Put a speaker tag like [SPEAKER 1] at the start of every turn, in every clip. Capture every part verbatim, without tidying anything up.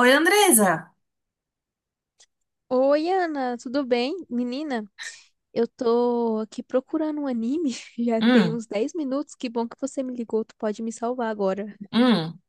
[SPEAKER 1] Oi, Andresa.
[SPEAKER 2] Oi, Ana, tudo bem? Menina, eu tô aqui procurando um anime, já tem
[SPEAKER 1] Hum.
[SPEAKER 2] uns dez minutos, que bom que você me ligou, tu pode me salvar agora.
[SPEAKER 1] Hum.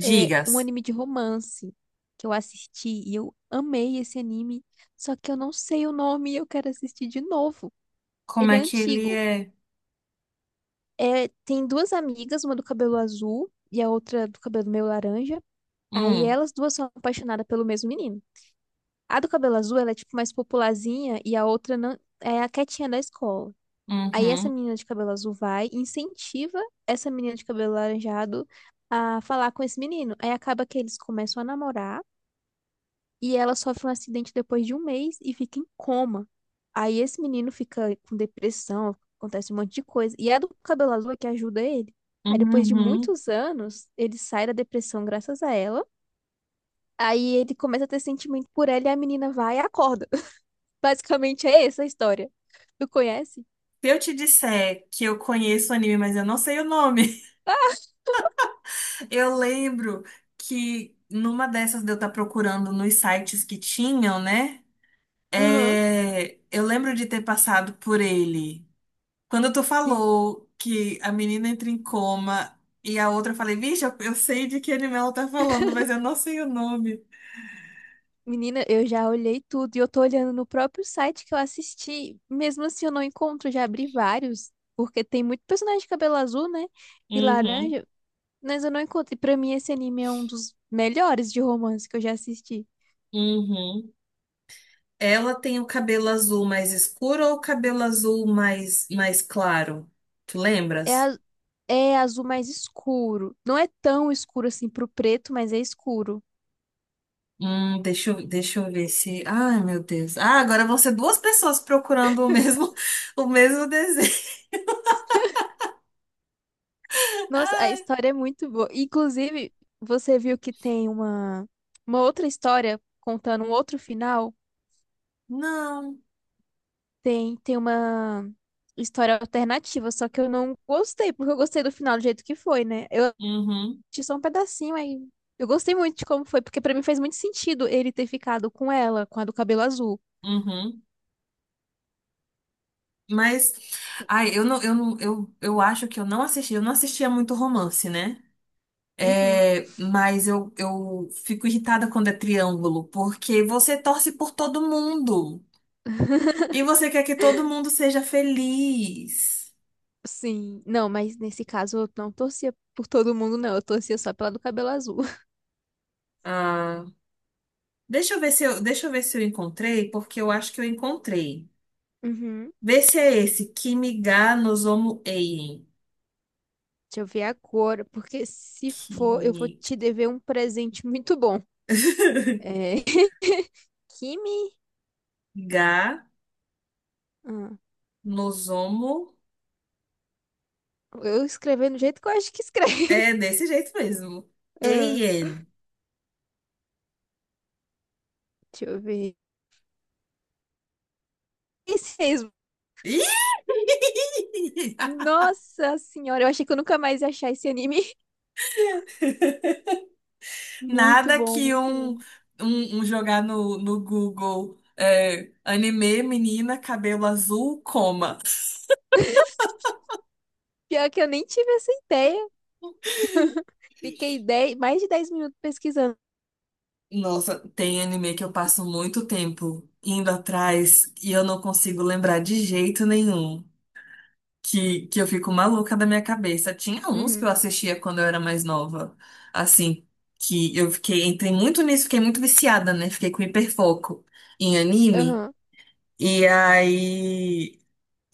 [SPEAKER 2] É um anime de romance que eu assisti e eu amei esse anime, só que eu não sei o nome e eu quero assistir de novo.
[SPEAKER 1] como
[SPEAKER 2] Ele é
[SPEAKER 1] é que ele
[SPEAKER 2] antigo.
[SPEAKER 1] é?
[SPEAKER 2] É, tem duas amigas, uma do cabelo azul e a outra do cabelo meio laranja. Aí
[SPEAKER 1] Hum.
[SPEAKER 2] elas duas são apaixonadas pelo mesmo menino. A do cabelo azul, ela é tipo mais popularzinha e a outra não, é a quietinha da escola. Aí essa
[SPEAKER 1] Uhum.
[SPEAKER 2] menina de cabelo azul vai e incentiva essa menina de cabelo laranjado a falar com esse menino. Aí acaba que eles começam a namorar e ela sofre um acidente depois de um mês e fica em coma. Aí esse menino fica com depressão, acontece um monte de coisa. E é a do cabelo azul é que ajuda ele. Aí depois de
[SPEAKER 1] Uhum.
[SPEAKER 2] muitos anos, ele sai da depressão graças a ela. Aí ele começa a ter sentimento por ela e a menina vai e acorda. Basicamente é essa a história. Tu conhece?
[SPEAKER 1] Se eu te disser que eu conheço o anime, mas eu não sei o nome, eu lembro que numa dessas de eu estar procurando nos sites que tinham, né?
[SPEAKER 2] Aham.
[SPEAKER 1] É, eu lembro de ter passado por ele. Quando tu
[SPEAKER 2] Sim.
[SPEAKER 1] falou que a menina entra em coma e a outra, eu falei, vixe, eu, eu sei de que anime ela tá falando, mas eu não sei o nome.
[SPEAKER 2] Menina, eu já olhei tudo e eu tô olhando no próprio site que eu assisti. Mesmo assim, eu não encontro, já abri vários, porque tem muito personagem de cabelo azul, né? E
[SPEAKER 1] Uhum.
[SPEAKER 2] laranja, mas eu não encontro. E pra mim, esse anime é um dos melhores de romance que eu já assisti.
[SPEAKER 1] Uhum. Ela tem o cabelo azul mais escuro ou o cabelo azul mais, mais claro? Tu
[SPEAKER 2] É,
[SPEAKER 1] lembras?
[SPEAKER 2] a- é azul mais escuro. Não é tão escuro assim pro preto, mas é escuro.
[SPEAKER 1] Hum, deixa eu, deixa eu ver se. Ai, meu Deus. Ah, agora vão ser duas pessoas procurando o mesmo, o mesmo desenho.
[SPEAKER 2] Nossa, a
[SPEAKER 1] Ai,
[SPEAKER 2] história é muito boa. Inclusive, você viu que tem uma, uma outra história contando um outro final?
[SPEAKER 1] não.
[SPEAKER 2] Tem, tem uma história alternativa, só que eu não gostei, porque eu gostei do final do jeito que foi, né? Eu
[SPEAKER 1] Uhum.
[SPEAKER 2] assisti só um pedacinho aí. Eu gostei muito de como foi, porque pra mim fez muito sentido ele ter ficado com ela, com a do cabelo azul.
[SPEAKER 1] Uhum. Mas, ai, eu não, eu não, eu, eu acho que eu não assisti, eu não assistia muito romance, né?
[SPEAKER 2] Uhum.
[SPEAKER 1] É, mas eu, eu fico irritada quando é triângulo, porque você torce por todo mundo. E você quer que todo mundo seja feliz.
[SPEAKER 2] Sim, não, mas nesse caso eu não torcia por todo mundo, não. Eu torcia só pela do cabelo azul.
[SPEAKER 1] Ah, Deixa eu ver se eu, deixa eu ver se eu encontrei, porque eu acho que eu encontrei.
[SPEAKER 2] Uhum.
[SPEAKER 1] Vê se é esse. Kimiga nozomu eien.
[SPEAKER 2] Deixa eu ver agora, porque se for, eu vou
[SPEAKER 1] Kimi-
[SPEAKER 2] te dever um presente muito bom. É... Kimi?
[SPEAKER 1] Ga
[SPEAKER 2] Ah,
[SPEAKER 1] nozomu.
[SPEAKER 2] eu escrevi do jeito que eu acho que escreve.
[SPEAKER 1] É desse jeito mesmo.
[SPEAKER 2] Ah.
[SPEAKER 1] Eien.
[SPEAKER 2] Deixa eu ver. Esse mesmo.
[SPEAKER 1] Ih!
[SPEAKER 2] Nossa senhora, eu achei que eu nunca mais ia achar esse anime. Muito
[SPEAKER 1] Nada
[SPEAKER 2] bom,
[SPEAKER 1] que
[SPEAKER 2] muito
[SPEAKER 1] um,
[SPEAKER 2] bom.
[SPEAKER 1] um, um jogar no, no Google é, anime, menina, cabelo azul, coma.
[SPEAKER 2] Pior que eu nem tive essa ideia. Fiquei dez, mais de dez minutos pesquisando.
[SPEAKER 1] Nossa, tem anime que eu passo muito tempo indo atrás e eu não consigo lembrar de jeito nenhum. Que, que eu fico maluca da minha cabeça. Tinha uns que
[SPEAKER 2] Uhum,
[SPEAKER 1] eu assistia quando eu era mais nova. Assim, que eu fiquei, entrei muito nisso, fiquei muito viciada, né? Fiquei com hiperfoco em anime.
[SPEAKER 2] aham,
[SPEAKER 1] E aí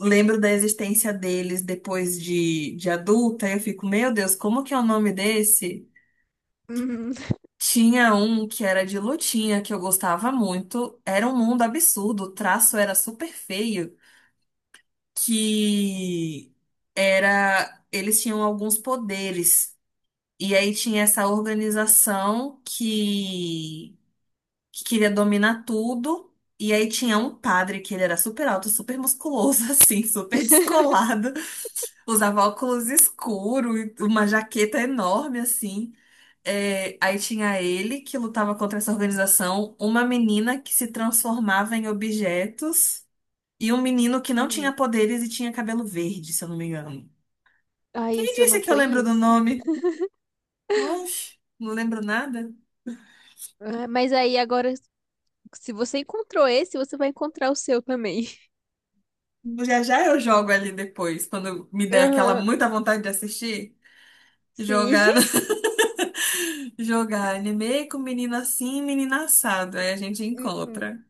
[SPEAKER 1] lembro da existência deles depois de, de adulta. E eu fico, meu Deus, como que é o nome desse?
[SPEAKER 2] uhum,
[SPEAKER 1] Tinha um que era de lutinha que eu gostava muito. Era um mundo absurdo, o traço era super feio, que era eles tinham alguns poderes. E aí tinha essa organização que, que queria dominar tudo. E aí tinha um padre que ele era super alto, super musculoso, assim, super descolado. Usava óculos escuros, uma jaqueta enorme, assim. É, aí tinha ele que lutava contra essa organização, uma menina que se transformava em objetos e um menino que não tinha
[SPEAKER 2] uhum.
[SPEAKER 1] poderes e tinha cabelo verde, se eu não me engano.
[SPEAKER 2] Ai,
[SPEAKER 1] Quem
[SPEAKER 2] esse eu
[SPEAKER 1] disse
[SPEAKER 2] não
[SPEAKER 1] que eu lembro do
[SPEAKER 2] conheço.
[SPEAKER 1] nome? Oxe, não lembro nada.
[SPEAKER 2] Ah, mas aí agora, se você encontrou esse, você vai encontrar o seu também.
[SPEAKER 1] Já já eu jogo ali depois, quando me der aquela
[SPEAKER 2] Aham,
[SPEAKER 1] muita vontade de assistir,
[SPEAKER 2] sim.
[SPEAKER 1] jogar, no- jogar anime com menino assim e menina assado. Aí a gente
[SPEAKER 2] Uhum.
[SPEAKER 1] encontra.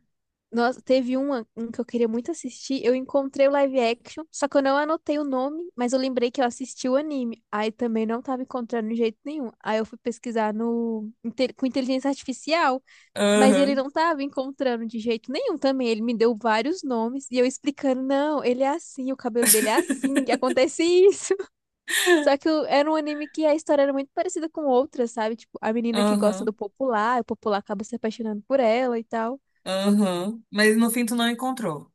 [SPEAKER 2] Nossa, teve uma, um que eu queria muito assistir. Eu encontrei o live action, só que eu não anotei o nome, mas eu lembrei que eu assisti o anime. Aí também não tava encontrando de jeito nenhum. Aí eu fui pesquisar no, inte- com inteligência artificial, mas ele
[SPEAKER 1] Aham.
[SPEAKER 2] não tava encontrando de jeito nenhum também. Ele me deu vários nomes e eu explicando: não, ele é assim, o cabelo dele é assim, e acontece isso. Só que o- era um anime que a história era muito parecida com outras, sabe? Tipo, a menina que gosta do
[SPEAKER 1] Aham,
[SPEAKER 2] popular, o popular acaba se apaixonando por ela e tal.
[SPEAKER 1] aham. Mas no fim tu não encontrou.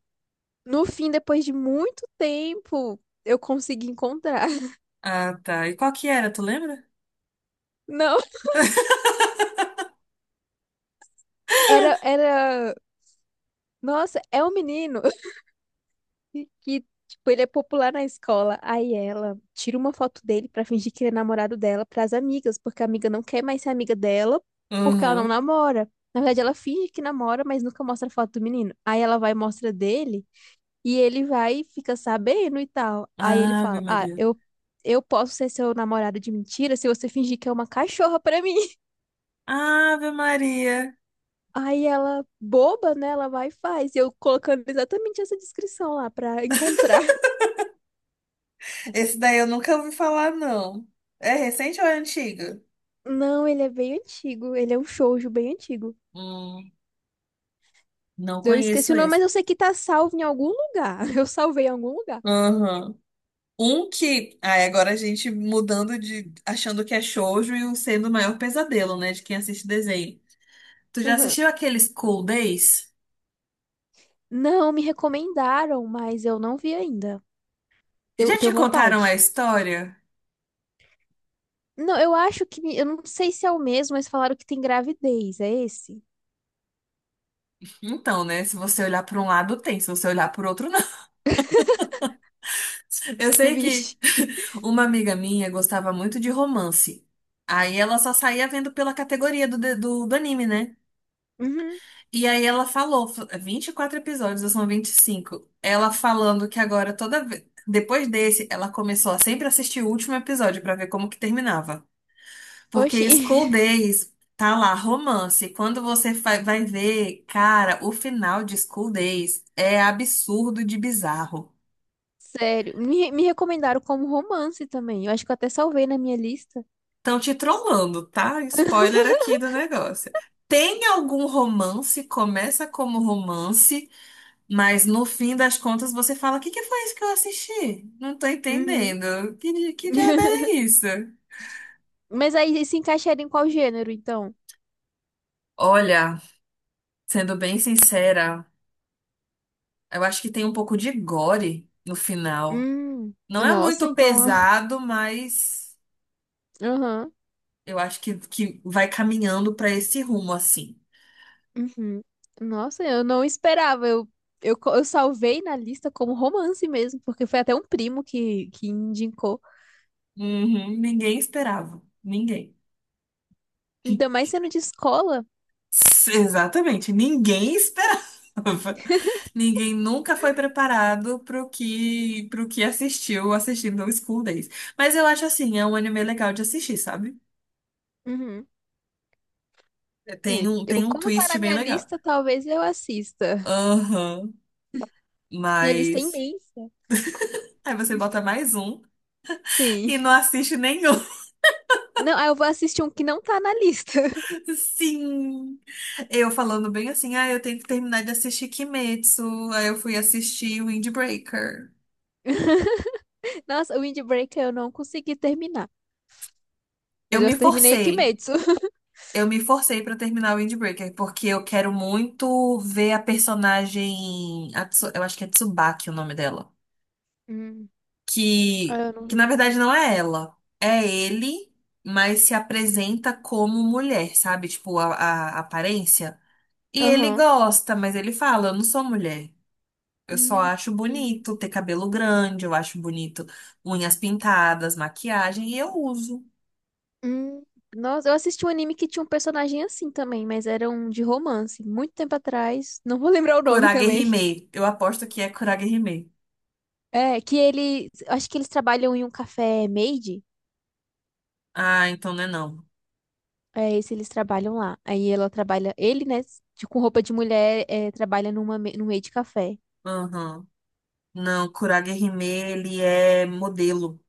[SPEAKER 2] No fim, depois de muito tempo, eu consegui encontrar.
[SPEAKER 1] Ah, tá. E qual que era, tu lembra?
[SPEAKER 2] Não, era, era. Nossa, é um menino que, tipo, ele é popular na escola. Aí ela tira uma foto dele pra fingir que ele é namorado dela pras amigas, porque a amiga não quer mais ser amiga dela, porque ela não
[SPEAKER 1] Uhum.
[SPEAKER 2] namora. Na verdade, ela finge que namora, mas nunca mostra a foto do menino. Aí ela vai e mostra dele, e ele vai e fica sabendo e tal. Aí ele
[SPEAKER 1] Ave
[SPEAKER 2] fala: Ah,
[SPEAKER 1] Maria.
[SPEAKER 2] eu, eu posso ser seu namorado de mentira se você fingir que é uma cachorra pra mim.
[SPEAKER 1] Ave Maria.
[SPEAKER 2] Aí ela, boba, né? Ela vai e faz. E eu colocando exatamente essa descrição lá pra encontrar.
[SPEAKER 1] Esse daí eu nunca ouvi falar, não. É recente ou é antigo?
[SPEAKER 2] Não, ele é bem antigo. Ele é um shoujo bem antigo.
[SPEAKER 1] Hum, não
[SPEAKER 2] Eu esqueci
[SPEAKER 1] conheço
[SPEAKER 2] o nome, mas
[SPEAKER 1] esse.
[SPEAKER 2] eu sei que tá salvo em algum lugar. Eu salvei em algum lugar.
[SPEAKER 1] Aham. Um que. Aí agora a gente mudando de, achando que é shoujo e o sendo o maior pesadelo, né? De quem assiste desenho. Tu já
[SPEAKER 2] Aham.
[SPEAKER 1] assistiu aqueles School Days?
[SPEAKER 2] Não, me recomendaram, mas eu não vi ainda. Eu
[SPEAKER 1] Já
[SPEAKER 2] tenho
[SPEAKER 1] te contaram a
[SPEAKER 2] vontade.
[SPEAKER 1] história?
[SPEAKER 2] Não, eu acho que. Eu não sei se é o mesmo, mas falaram que tem gravidez. É esse?
[SPEAKER 1] Então, né? Se você olhar por um lado, tem. Se você olhar por outro, não. Eu sei que
[SPEAKER 2] Vixe.
[SPEAKER 1] uma amiga minha gostava muito de romance. Aí ela só saía vendo pela categoria do, do, do anime, né?
[SPEAKER 2] Uhum.
[SPEAKER 1] E aí ela falou, fa- vinte e quatro episódios, ou são vinte e cinco. Ela falando que agora toda vez. Depois desse, ela começou a sempre assistir o último episódio pra ver como que terminava. Porque
[SPEAKER 2] Oxi.
[SPEAKER 1] School Days tá lá, romance. Quando você fa- vai ver, cara, o final de School Days é absurdo de bizarro.
[SPEAKER 2] Sério. Me, me recomendaram como romance também. Eu acho que eu até salvei na minha lista.
[SPEAKER 1] Estão te trollando, tá? Spoiler aqui do negócio. Tem algum romance, começa como romance, mas no fim das contas você fala: O que que foi isso que eu assisti? Não tô
[SPEAKER 2] Uhum.
[SPEAKER 1] entendendo. Que, di- que diabo é isso?
[SPEAKER 2] Mas aí se encaixaria em qual gênero, então?
[SPEAKER 1] Olha, sendo bem sincera, eu acho que tem um pouco de gore no final.
[SPEAKER 2] Hum,
[SPEAKER 1] Não é
[SPEAKER 2] Nossa,
[SPEAKER 1] muito
[SPEAKER 2] então.
[SPEAKER 1] pesado, mas
[SPEAKER 2] Aham.
[SPEAKER 1] eu acho que, que vai caminhando pra esse rumo assim.
[SPEAKER 2] Uhum. Nossa, eu não esperava. Eu, eu, co- eu salvei na lista como romance mesmo, porque foi até um primo que, que indicou.
[SPEAKER 1] Uhum, ninguém esperava. Ninguém.
[SPEAKER 2] Ainda mais sendo de escola.
[SPEAKER 1] S- Exatamente, ninguém esperava. Ninguém nunca foi preparado pro que, pro que assistiu assistindo ao School Days. Mas eu acho assim, é um anime legal de assistir, sabe?
[SPEAKER 2] Uhum.
[SPEAKER 1] É, Tem
[SPEAKER 2] É,
[SPEAKER 1] um, tem
[SPEAKER 2] eu,
[SPEAKER 1] um
[SPEAKER 2] como tá
[SPEAKER 1] twist
[SPEAKER 2] na
[SPEAKER 1] bem
[SPEAKER 2] minha
[SPEAKER 1] legal.
[SPEAKER 2] lista, talvez eu assista.
[SPEAKER 1] Aham,
[SPEAKER 2] Minha lista é
[SPEAKER 1] mas.
[SPEAKER 2] imensa.
[SPEAKER 1] Aí você bota mais um
[SPEAKER 2] Sim.
[SPEAKER 1] e não assiste nenhum.
[SPEAKER 2] Não, aí eu vou assistir um que não tá na lista.
[SPEAKER 1] Sim! Eu falando bem assim, ah, eu tenho que terminar de assistir Kimetsu. Aí eu fui assistir Windbreaker.
[SPEAKER 2] Nossa, o Windbreaker eu não consegui terminar.
[SPEAKER 1] Eu
[SPEAKER 2] Mas eu
[SPEAKER 1] me
[SPEAKER 2] terminei
[SPEAKER 1] forcei.
[SPEAKER 2] Kimetsu.
[SPEAKER 1] Eu me forcei pra terminar o Windbreaker, porque eu quero muito ver a personagem. A Tsu- eu acho que é Tsubaki o nome dela.
[SPEAKER 2] Hum. Ah,
[SPEAKER 1] Que,
[SPEAKER 2] eu não
[SPEAKER 1] que na
[SPEAKER 2] vi.
[SPEAKER 1] verdade não é ela. É ele, mas se apresenta como mulher, sabe? Tipo, a, a aparência. E ele
[SPEAKER 2] Aham.
[SPEAKER 1] gosta, mas ele fala: Eu não sou mulher. Eu só
[SPEAKER 2] Hum,
[SPEAKER 1] acho
[SPEAKER 2] Entendi.
[SPEAKER 1] bonito ter cabelo grande, eu acho bonito unhas pintadas, maquiagem, e eu uso.
[SPEAKER 2] Hum, Nossa, eu assisti um anime que tinha um personagem assim também, mas era um de romance, muito tempo atrás. Não vou lembrar o nome
[SPEAKER 1] Kurage
[SPEAKER 2] também.
[SPEAKER 1] Hime. Eu aposto que é Kurage Hime.
[SPEAKER 2] É, que ele. Acho que eles trabalham em um café maid.
[SPEAKER 1] Ah, então não é não.
[SPEAKER 2] É esse eles trabalham lá. Aí ela trabalha. Ele, né, de- com roupa de mulher, é, trabalha numa, ma- num maid café.
[SPEAKER 1] Aham. Não, Kurage Hime, ele é modelo.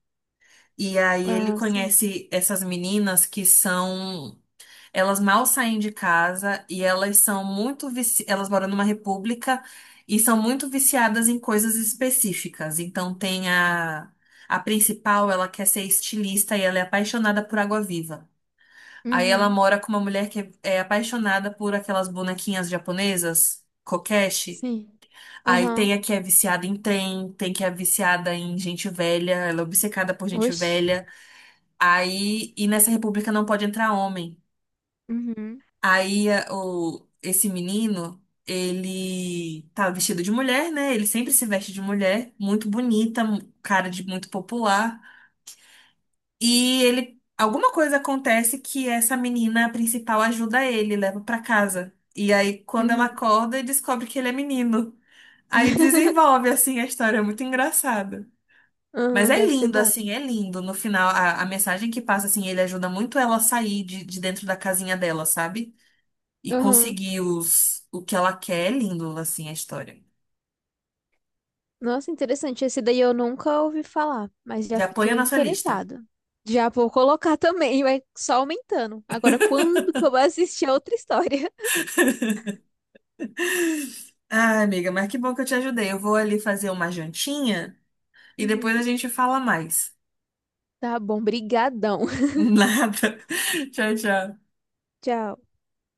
[SPEAKER 1] E aí ele
[SPEAKER 2] Ah, sim.
[SPEAKER 1] conhece essas meninas que são. Elas mal saem de casa e elas são muito vici... elas moram numa república e são muito viciadas em coisas específicas. Então tem a a principal, ela quer ser estilista e ela é apaixonada por água-viva. Aí ela
[SPEAKER 2] Uhum.
[SPEAKER 1] mora com uma mulher que é é apaixonada por aquelas bonequinhas japonesas, kokeshi.
[SPEAKER 2] Sim.
[SPEAKER 1] Aí tem
[SPEAKER 2] Aham.
[SPEAKER 1] a que é viciada em trem, tem que é viciada em gente velha, ela é obcecada por gente
[SPEAKER 2] Oxe.
[SPEAKER 1] velha. Aí, e nessa república não pode entrar homem.
[SPEAKER 2] Uhum.
[SPEAKER 1] Aí a- o, esse menino, ele tá vestido de mulher, né? Ele sempre se veste de mulher, muito bonita, mu- cara de muito popular. E ele, alguma coisa acontece que essa menina principal ajuda ele, leva pra casa. E aí, quando ela
[SPEAKER 2] Uhum.
[SPEAKER 1] acorda, ele descobre que ele é menino. Aí desenvolve, assim, a história, é muito engraçada. Mas
[SPEAKER 2] Aham,
[SPEAKER 1] é
[SPEAKER 2] deve ser
[SPEAKER 1] lindo,
[SPEAKER 2] bom.
[SPEAKER 1] assim, é lindo. No final, a, a mensagem que passa, assim, ele ajuda muito ela a sair de, de dentro da casinha dela, sabe? E conseguir os, o que ela quer. É lindo, assim, a história.
[SPEAKER 2] Nossa, interessante. Esse daí eu nunca ouvi falar, mas já
[SPEAKER 1] Já põe a
[SPEAKER 2] fiquei
[SPEAKER 1] nossa lista.
[SPEAKER 2] interessado. Já vou colocar também, vai só aumentando. Agora, quando que eu vou assistir a outra história?
[SPEAKER 1] Ah, amiga, mas que bom que eu te ajudei. Eu vou ali fazer uma jantinha e depois a
[SPEAKER 2] Uhum.
[SPEAKER 1] gente fala mais.
[SPEAKER 2] Tá bom, brigadão.
[SPEAKER 1] Nada. Tchau, tchau.
[SPEAKER 2] Tchau.